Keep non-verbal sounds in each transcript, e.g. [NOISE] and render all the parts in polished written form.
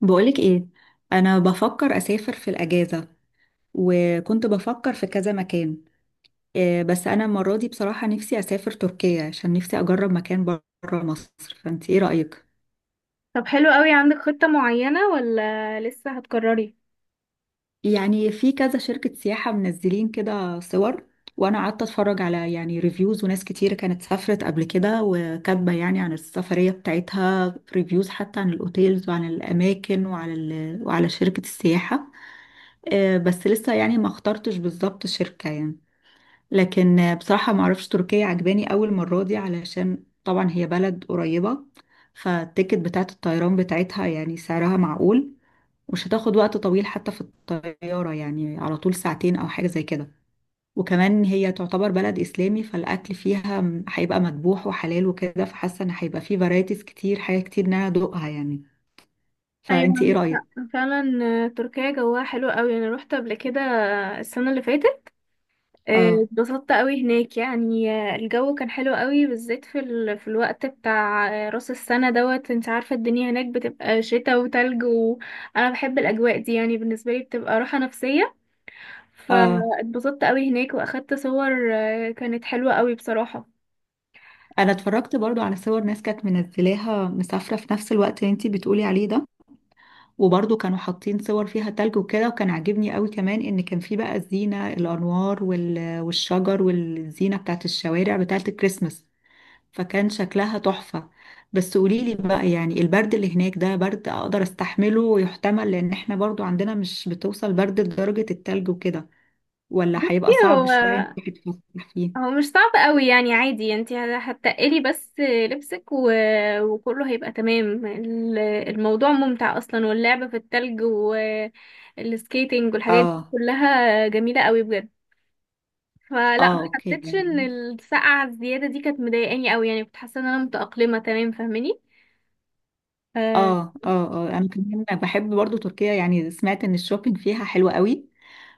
بقولك ايه. انا بفكر اسافر في الاجازة، وكنت بفكر في كذا مكان. إيه بس انا المرة دي بصراحة نفسي اسافر تركيا عشان نفسي اجرب مكان بره مصر، فانت ايه رأيك؟ طب، حلو قوي. عندك خطة معينة ولا لسه هتكرري؟ يعني في كذا شركة سياحة منزلين كده صور، وانا قعدت اتفرج على يعني ريفيوز، وناس كتير كانت سافرت قبل كده وكاتبة يعني عن السفرية بتاعتها ريفيوز، حتى عن الاوتيلز وعن الاماكن وعلى شركة السياحة. إيه بس لسه يعني ما اخترتش بالظبط شركة يعني. لكن بصراحة ما اعرفش تركيا عجباني اول مرة دي، علشان طبعا هي بلد قريبة، فالتيكت بتاعة الطيران بتاعتها يعني سعرها معقول، ومش هتاخد وقت طويل حتى في الطيارة، يعني على طول ساعتين او حاجة زي كده. وكمان هي تعتبر بلد اسلامي، فالاكل فيها هيبقى مذبوح وحلال وكده، فحاسة ان هيبقى فيه فرايتيز كتير، حاجة كتير ان انا ادوقها يعني. ايوه، فانتي ايه عندك رأيك؟ حق فعلا. تركيا جواها حلو قوي، انا روحت قبل كده، السنه اللي فاتت. اه اتبسطت قوي هناك يعني. الجو كان حلو قوي، بالذات في في الوقت بتاع راس السنه دوت. انت عارفه الدنيا هناك بتبقى شتاء وتلج، وانا بحب الاجواء دي، يعني بالنسبه لي بتبقى راحه نفسيه. اه، فاتبسطت قوي هناك واخدت صور كانت حلوه قوي بصراحه. انا اتفرجت برضو على صور ناس كانت منزلاها مسافرة في نفس الوقت اللي انتي بتقولي عليه ده، وبرضو كانوا حاطين صور فيها تلج وكده، وكان عاجبني قوي كمان ان كان في بقى الزينة، الانوار والشجر والزينة بتاعت الشوارع بتاعت الكريسماس، فكان شكلها تحفة. بس قوليلي بقى، يعني البرد اللي هناك ده برد اقدر استحمله ويحتمل، لان احنا برضو عندنا مش بتوصل برد لدرجة التلج وكده، ولا هيبقى صعب شوية انك تروحي تتفسحي فيه؟ هو مش صعب قوي يعني، عادي، انت هتقلي بس لبسك وكله هيبقى تمام. الموضوع ممتع اصلا، واللعب في التلج والسكيتنج والحاجات دي اه كلها جميلة قوي بجد. فلا، اه، ما اوكي حسيتش ان يعني. السقعة الزيادة دي كانت مضايقاني قوي، يعني كنت حاسة ان انا متأقلمة تمام، فاهماني؟ آه. اه اه اه، انا كمان بحب برضو تركيا. يعني سمعت ان الشوبينج فيها حلو قوي،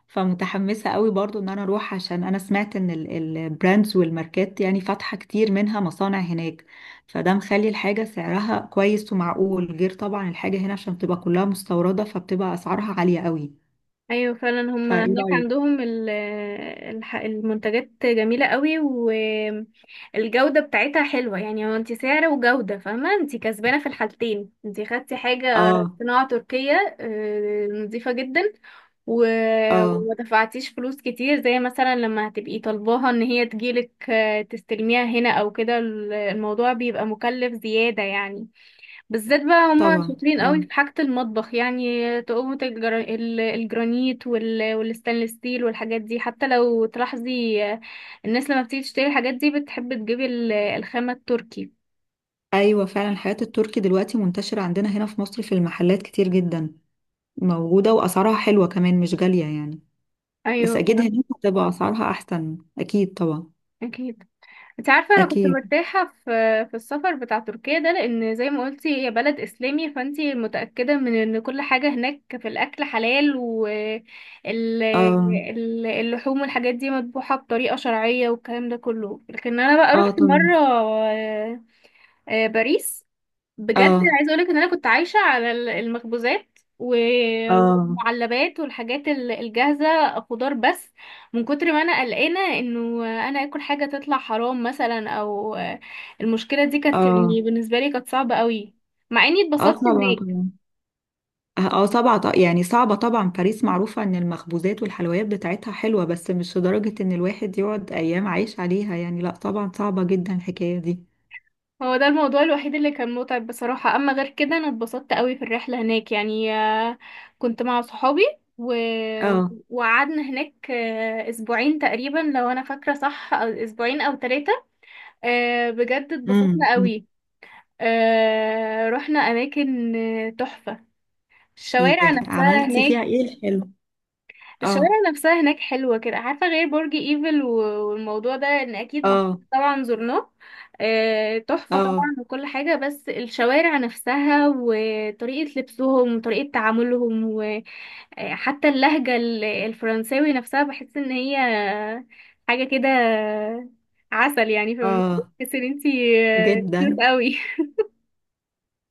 فمتحمسة قوي برضو ان انا اروح، عشان انا سمعت ان البراندز والماركات يعني فاتحة كتير منها مصانع هناك، فده مخلي الحاجة سعرها كويس ومعقول، غير طبعا الحاجة هنا عشان بتبقى كلها مستوردة فبتبقى اسعارها عالية قوي. ايوه فعلا، هما فايه هناك رأيك؟ عندهم المنتجات جميله قوي، والجوده بتاعتها حلوه، يعني هو انت سعر وجوده، فاهمه؟ انت كسبانه في الحالتين. انت خدتي حاجه اه صناعه تركيه، نظيفه جدا، و... اه وما دفعتيش فلوس كتير، زي مثلا لما هتبقي طالباها ان هي تجيلك تستلميها هنا او كده، الموضوع بيبقى مكلف زياده يعني. بالذات بقى هما طبعا. شاطرين قوي اه، في حاجة المطبخ، يعني تقومة الجرانيت والستانلس ستيل والحاجات دي، حتى لو تلاحظي، الناس لما بتيجي تشتري الحاجات دي بتحب تجيب الخامة التركي. ايوه فعلا. الحاجات التركي دلوقتي منتشرة عندنا هنا في مصر في المحلات كتير جدا، موجودة واسعارها حلوة كمان، مش غالية يعني. بس ايوه اكيد فعلا. هناك هتبقى اسعارها احسن، اكيد طبعا. اكيد. انت عارفة انا كنت اكيد. مرتاحة في السفر بتاع تركيا ده، لان زي ما قلتي هي بلد اسلامي، فانت متأكدة من ان كل حاجة هناك في الاكل حلال، اه واللحوم والحاجات دي مذبوحة بطريقة شرعية، والكلام ده كله. لكن انا بقى اه رحت طبعا. مرة باريس، بجد اه عايزه اقولك ان انا كنت عايشه على المخبوزات اه والمعلبات والحاجات الجاهزه، خضار بس، من كتر ما انا قلقانه انه انا اكل حاجه تطلع حرام مثلا او... المشكله دي كانت، اه، يعني بالنسبه لي كانت صعبه قوي، مع اني اه اتبسطت طبعا، هناك. طبعا اه آه، طبعا يعني صعبة طبعا، باريس معروفة ان المخبوزات والحلويات بتاعتها حلوة، بس مش لدرجة ان الواحد يقعد ايام عايش عليها يعني. لا طبعا، صعبة جدا الحكاية دي. هو ده الموضوع الوحيد اللي كان متعب بصراحه، اما غير كده انا اتبسطت قوي في الرحله هناك، يعني كنت مع صحابي و... اه. وقعدنا هناك اسبوعين تقريبا، لو انا فاكره صح، أو اسبوعين او ثلاثه. آه، بجد اتبسطنا أمم. قوي. آه، رحنا اماكن تحفة. الشوارع يعني نفسها عملتي هناك فيها ايه الحلو؟ الشوارع اه. نفسها هناك حلوة، كده عارفة؟ غير برج ايفل والموضوع ده، ان اكيد اه. طبعا زرناه، آه تحفة اه. طبعا، وكل حاجة، بس الشوارع نفسها وطريقة لبسهم وطريقة تعاملهم، وحتى اللهجة الفرنساوي نفسها، بحس ان هي حاجة كده عسل، يعني فاهمة؟ اه بس ان انتي كيوت جدا. قوي.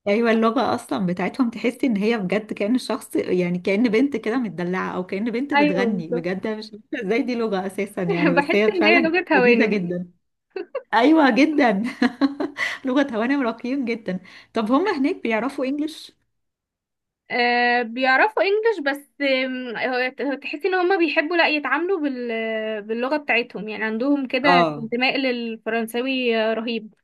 ايوه، اللغه اصلا بتاعتهم تحسي ان هي بجد كأن الشخص، يعني كأن بنت كده متدلعه، او كأن بنت ايوه بتغني بالظبط. بجد. أنا مش عارفه ازاي دي لغه اساسا يعني، [LAUGHS] بس بحس هي ان هي فعلا لغة لذيذه هوانم. جدا. ايوه جدا. [LAUGHS] لغه هوانم راقيين جدا. طب هم هناك بيعرفوا انجلش؟ آه، بيعرفوا انجلش، بس تحسي ان هما بيحبوا لا يتعاملوا باللغة بتاعتهم، يعني عندهم كده اه انتماء للفرنساوي رهيب.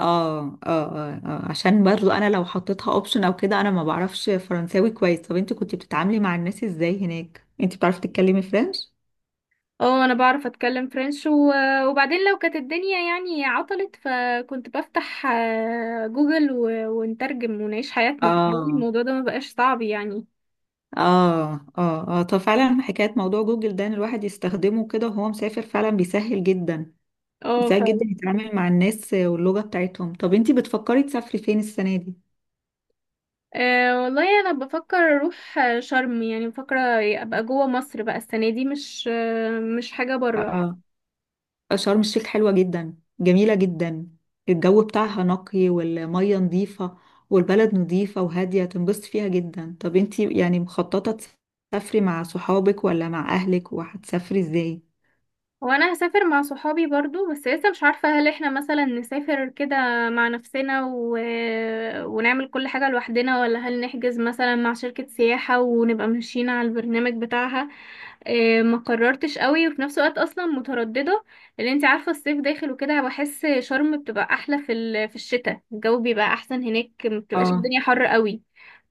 اه. اه اه آه. عشان برضو انا لو حطيتها اوبشن او كده، انا ما بعرفش فرنساوي كويس. طب انت كنت بتتعاملي مع الناس ازاي هناك؟ انت بتعرفي تتكلمي فرنش؟ اه، انا بعرف اتكلم فرنش، وبعدين لو كانت الدنيا يعني عطلت، فكنت بفتح جوجل ونترجم ونعيش حياتنا. [LAUGHS] اه. الموضوع ده ما بقاش صعب يعني. اه. اه اه. طب فعلا حكاية موضوع جوجل ده، ان الواحد يستخدمه كده وهو مسافر، فعلا بيسهل جدا. اه. بيسهل جدا يتعامل مع الناس واللغة بتاعتهم. طب انتي بتفكري تسافري فين السنة دي؟ أه والله، انا بفكر اروح شرم، يعني بفكر ابقى جوه مصر بقى السنه دي، مش حاجه بره. اه. شرم الشيخ حلوة جدا، جميلة جدا. الجو بتاعها نقي، والمية نظيفة، والبلد نظيفة وهادية، تنبسطي فيها جدا. طب انتي يعني مخططة تسافري مع صحابك ولا مع اهلك، وهتسافري ازاي؟ وانا هسافر مع صحابي برضو، بس لسه مش عارفة هل احنا مثلا نسافر كده مع نفسنا ونعمل كل حاجة لوحدنا، ولا هل نحجز مثلا مع شركة سياحة ونبقى ماشيين على البرنامج بتاعها. ما قررتش قوي، وفي نفس الوقت اصلا مترددة، لان انت عارفة الصيف داخل وكده، بحس شرم بتبقى احلى في في الشتاء، الجو بيبقى احسن هناك، ما بتبقاش اه. الدنيا حر قوي.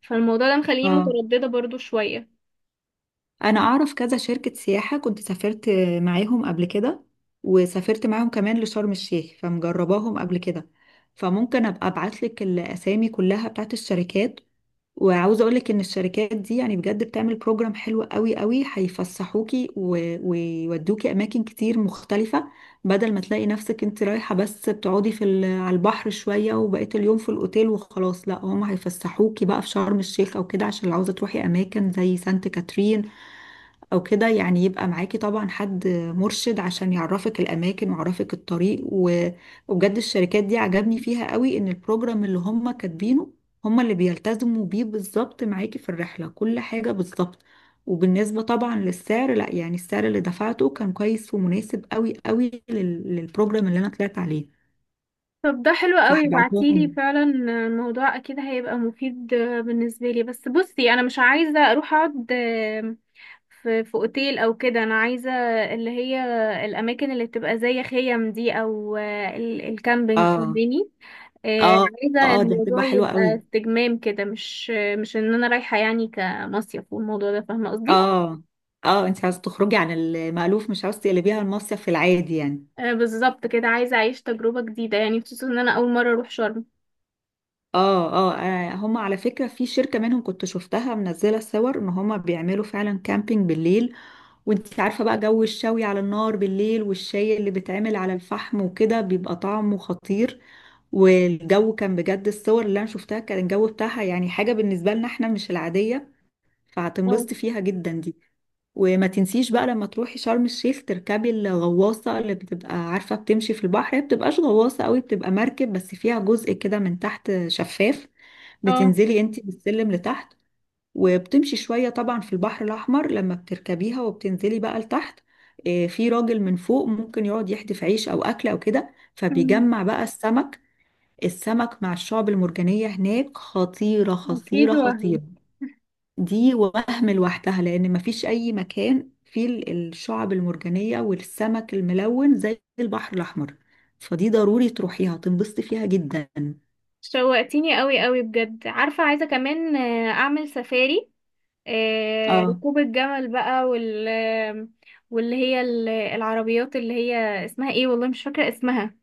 فالموضوع ده مخليني اه. مترددة برضو شوية. انا اعرف كذا شركة سياحة كنت سافرت معاهم قبل كده، وسافرت معاهم كمان لشرم الشيخ فمجرباهم قبل كده، فممكن ابقى ابعت لك الاسامي كلها بتاعت الشركات. وعاوزه اقول لك ان الشركات دي يعني بجد بتعمل بروجرام حلو قوي قوي، هيفسحوكي ويودوكي اماكن كتير مختلفة، بدل ما تلاقي نفسك انت رايحة بس بتقعدي في على البحر شوية، وبقيت اليوم في الاوتيل وخلاص. لا، هم هيفسحوكي بقى في شرم الشيخ او كده، عشان لو عاوزة تروحي اماكن زي سانت كاترين او كده، يعني يبقى معاكي طبعا حد مرشد عشان يعرفك الاماكن ويعرفك الطريق وبجد الشركات دي عجبني فيها قوي ان البروجرام اللي هم كاتبينه هم اللي بيلتزموا بيه بالظبط معاكي في الرحلة، كل حاجة بالظبط. وبالنسبة طبعا للسعر، لا يعني السعر اللي دفعته كان كويس ومناسب قوي قوي للبروجرام اللي انا طلعت عليه. طب ده حلو قوي، بعتيلي فهبعتهم. فعلا، الموضوع اكيد هيبقى مفيد بالنسبه لي. بس بصي، انا مش عايزه اروح اقعد في اوتيل او كده، انا عايزه اللي هي الاماكن اللي بتبقى زي خيم دي، او الكامبينج، اه فاهماني؟ اه عايزه اه، دي هتبقى الموضوع حلوة يبقى قوي. استجمام كده، مش ان انا رايحه يعني كمصيف والموضوع ده، فاهمه قصدي؟ اه. اه انت عايزة تخرجي عن المألوف، مش عاوزة تقلبيها المصيف في العادي يعني. بالظبط كده، عايزه اعيش تجربه جديده، يعني خصوصا ان انا اول مره اروح شرم. اه اه، آه، هم على فكرة في شركة منهم كنت شفتها منزلة الصور، ان هم بيعملوا فعلا كامبينج بالليل، وانت عارفة بقى جو الشوي على النار بالليل، والشاي اللي بيتعمل على الفحم وكده بيبقى طعمه خطير، والجو كان بجد، الصور اللي انا شفتها كان الجو بتاعها يعني حاجة بالنسبة لنا احنا مش العادية، اه، فهتنبسطي فيها جدا دي. وما تنسيش بقى لما تروحي شرم الشيخ تركبي الغواصة، اللي بتبقى عارفة بتمشي في البحر، هي بتبقاش غواصة قوي، بتبقى مركب بس فيها جزء كده من تحت شفاف، اه. بتنزلي انتي بالسلم لتحت، وبتمشي شوية طبعا في البحر الأحمر لما بتركبيها، وبتنزلي بقى لتحت. آه، في راجل من فوق ممكن يقعد يحدف عيش أو أكل أو كده، مم. فبيجمع بقى السمك. السمك مع الشعب المرجانية هناك خطيرة خطيرة اكيد. وهم خطيرة. دي وهم لوحدها، لان مفيش اي مكان فيه الشعب المرجانيه والسمك الملون زي البحر الاحمر، فدي ضروري تروحيها، تنبسطي فيها جدا. شوقتيني قوي قوي بجد. عارفة، عايزة كمان أعمل سفاري، اه، ركوب الجمل بقى، واللي هي العربيات اللي هي اسمها ايه، والله مش فاكرة اسمها.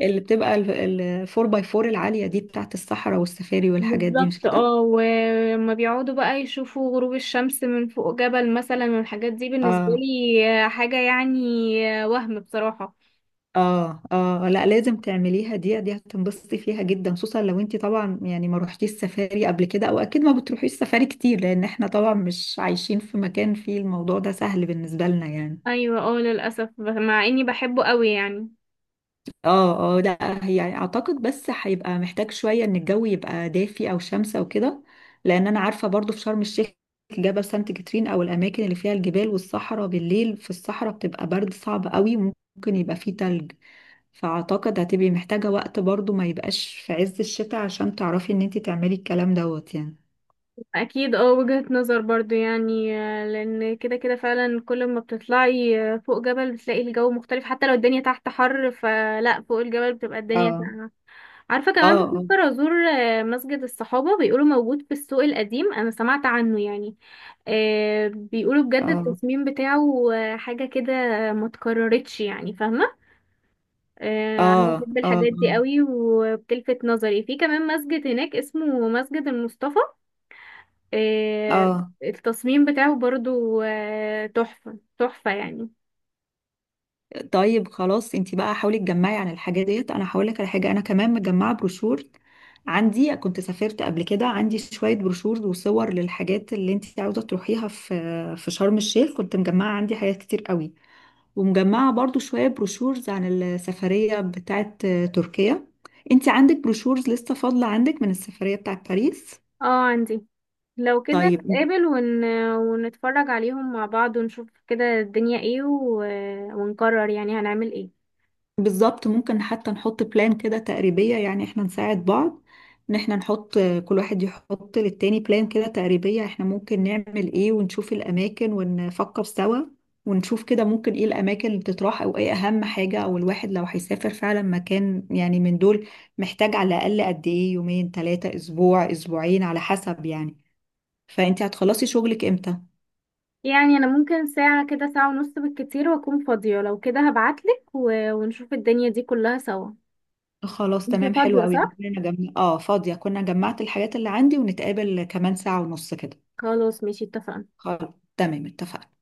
اللي بتبقى الفور باي فور العاليه دي بتاعت الصحراء والسفاري والحاجات دي، مش بالظبط كده؟ اه. وما بيقعدوا بقى يشوفوا غروب الشمس من فوق جبل مثلا، والحاجات دي بالنسبة اه لي حاجة يعني، وهم بصراحة. اه اه، لا لازم تعمليها دي، دي هتنبسطي فيها جدا، خصوصا لو انت طبعا يعني ما روحتيش السفاري قبل كده، او اكيد ما بتروحيش السفاري كتير لان احنا طبعا مش عايشين في مكان فيه الموضوع ده سهل بالنسبه لنا يعني. ايوه. اه، للأسف، مع اني بحبه قوي يعني. اه اه، لا هي يعني اعتقد بس هيبقى محتاج شوية ان الجو يبقى دافي او شمسة وكده، لان انا عارفة برضو في شرم الشيخ جبل سانت كاترين، او الاماكن اللي فيها الجبال والصحراء، بالليل في الصحراء بتبقى برد صعب قوي وممكن يبقى فيه تلج، فاعتقد هتبقي محتاجة وقت برضو، ما يبقاش في عز الشتاء، عشان تعرفي ان انتي تعملي الكلام دوت يعني. اكيد. اه، وجهة نظر برضو، يعني لان كده كده فعلا، كل ما بتطلعي فوق جبل بتلاقي الجو مختلف، حتى لو الدنيا تحت حر، فلا، فوق الجبل بتبقى الدنيا اه. ساقعة. عارفة، كمان اه. بفكر ازور مسجد الصحابة، بيقولوا موجود في السوق القديم، انا سمعت عنه يعني. بيقولوا بجد اه. التصميم بتاعه حاجة كده ما اتكررتش يعني، فاهمة؟ اه. انا بحب اه. اه. الحاجات دي قوي، وبتلفت نظري. في كمان مسجد هناك اسمه مسجد المصطفى، آه، اه. التصميم بتاعه برضو تحفة تحفة يعني. طيب خلاص، انتي بقى حاولي تجمعي عن الحاجات ديت، انا هقول لك على حاجه، انا كمان مجمعه بروشور عندي، كنت سافرت قبل كده، عندي شويه بروشور وصور للحاجات اللي انتي عاوزه تروحيها في في شرم الشيخ، كنت مجمعه عندي حاجات كتير قوي، ومجمعه برضو شويه بروشورز عن السفريه بتاعه تركيا. انتي عندك بروشورز لسه فاضله عندك من السفريه بتاعه باريس؟ اه، عندي. لو كده طيب. نتقابل ونتفرج عليهم مع بعض، ونشوف كده الدنيا ايه ونقرر يعني هنعمل ايه. بالظبط، ممكن حتى نحط بلان كده تقريبية، يعني احنا نساعد بعض، ان احنا نحط، كل واحد يحط للتاني بلان كده تقريبية احنا ممكن نعمل ايه، ونشوف الاماكن ونفكر سوا، ونشوف كده ممكن ايه الاماكن اللي تطرح، او ايه اهم حاجة، او الواحد لو هيسافر فعلا مكان يعني من دول محتاج على الاقل قد ايه، يومين ثلاثة اسبوع اسبوعين على حسب يعني. فانت هتخلصي شغلك امتى؟ يعني انا ممكن ساعة كده، ساعة ونص بالكتير، واكون فاضية. لو كده هبعتلك ونشوف الدنيا دي كلها سوا. خلاص انتي تمام، حلو فاضية قوي. صح؟ اه فاضية، كنا جمعت الحاجات اللي عندي، ونتقابل كمان ساعة ونص كده. خلاص، ماشي، اتفقنا. خلاص تمام، اتفقنا.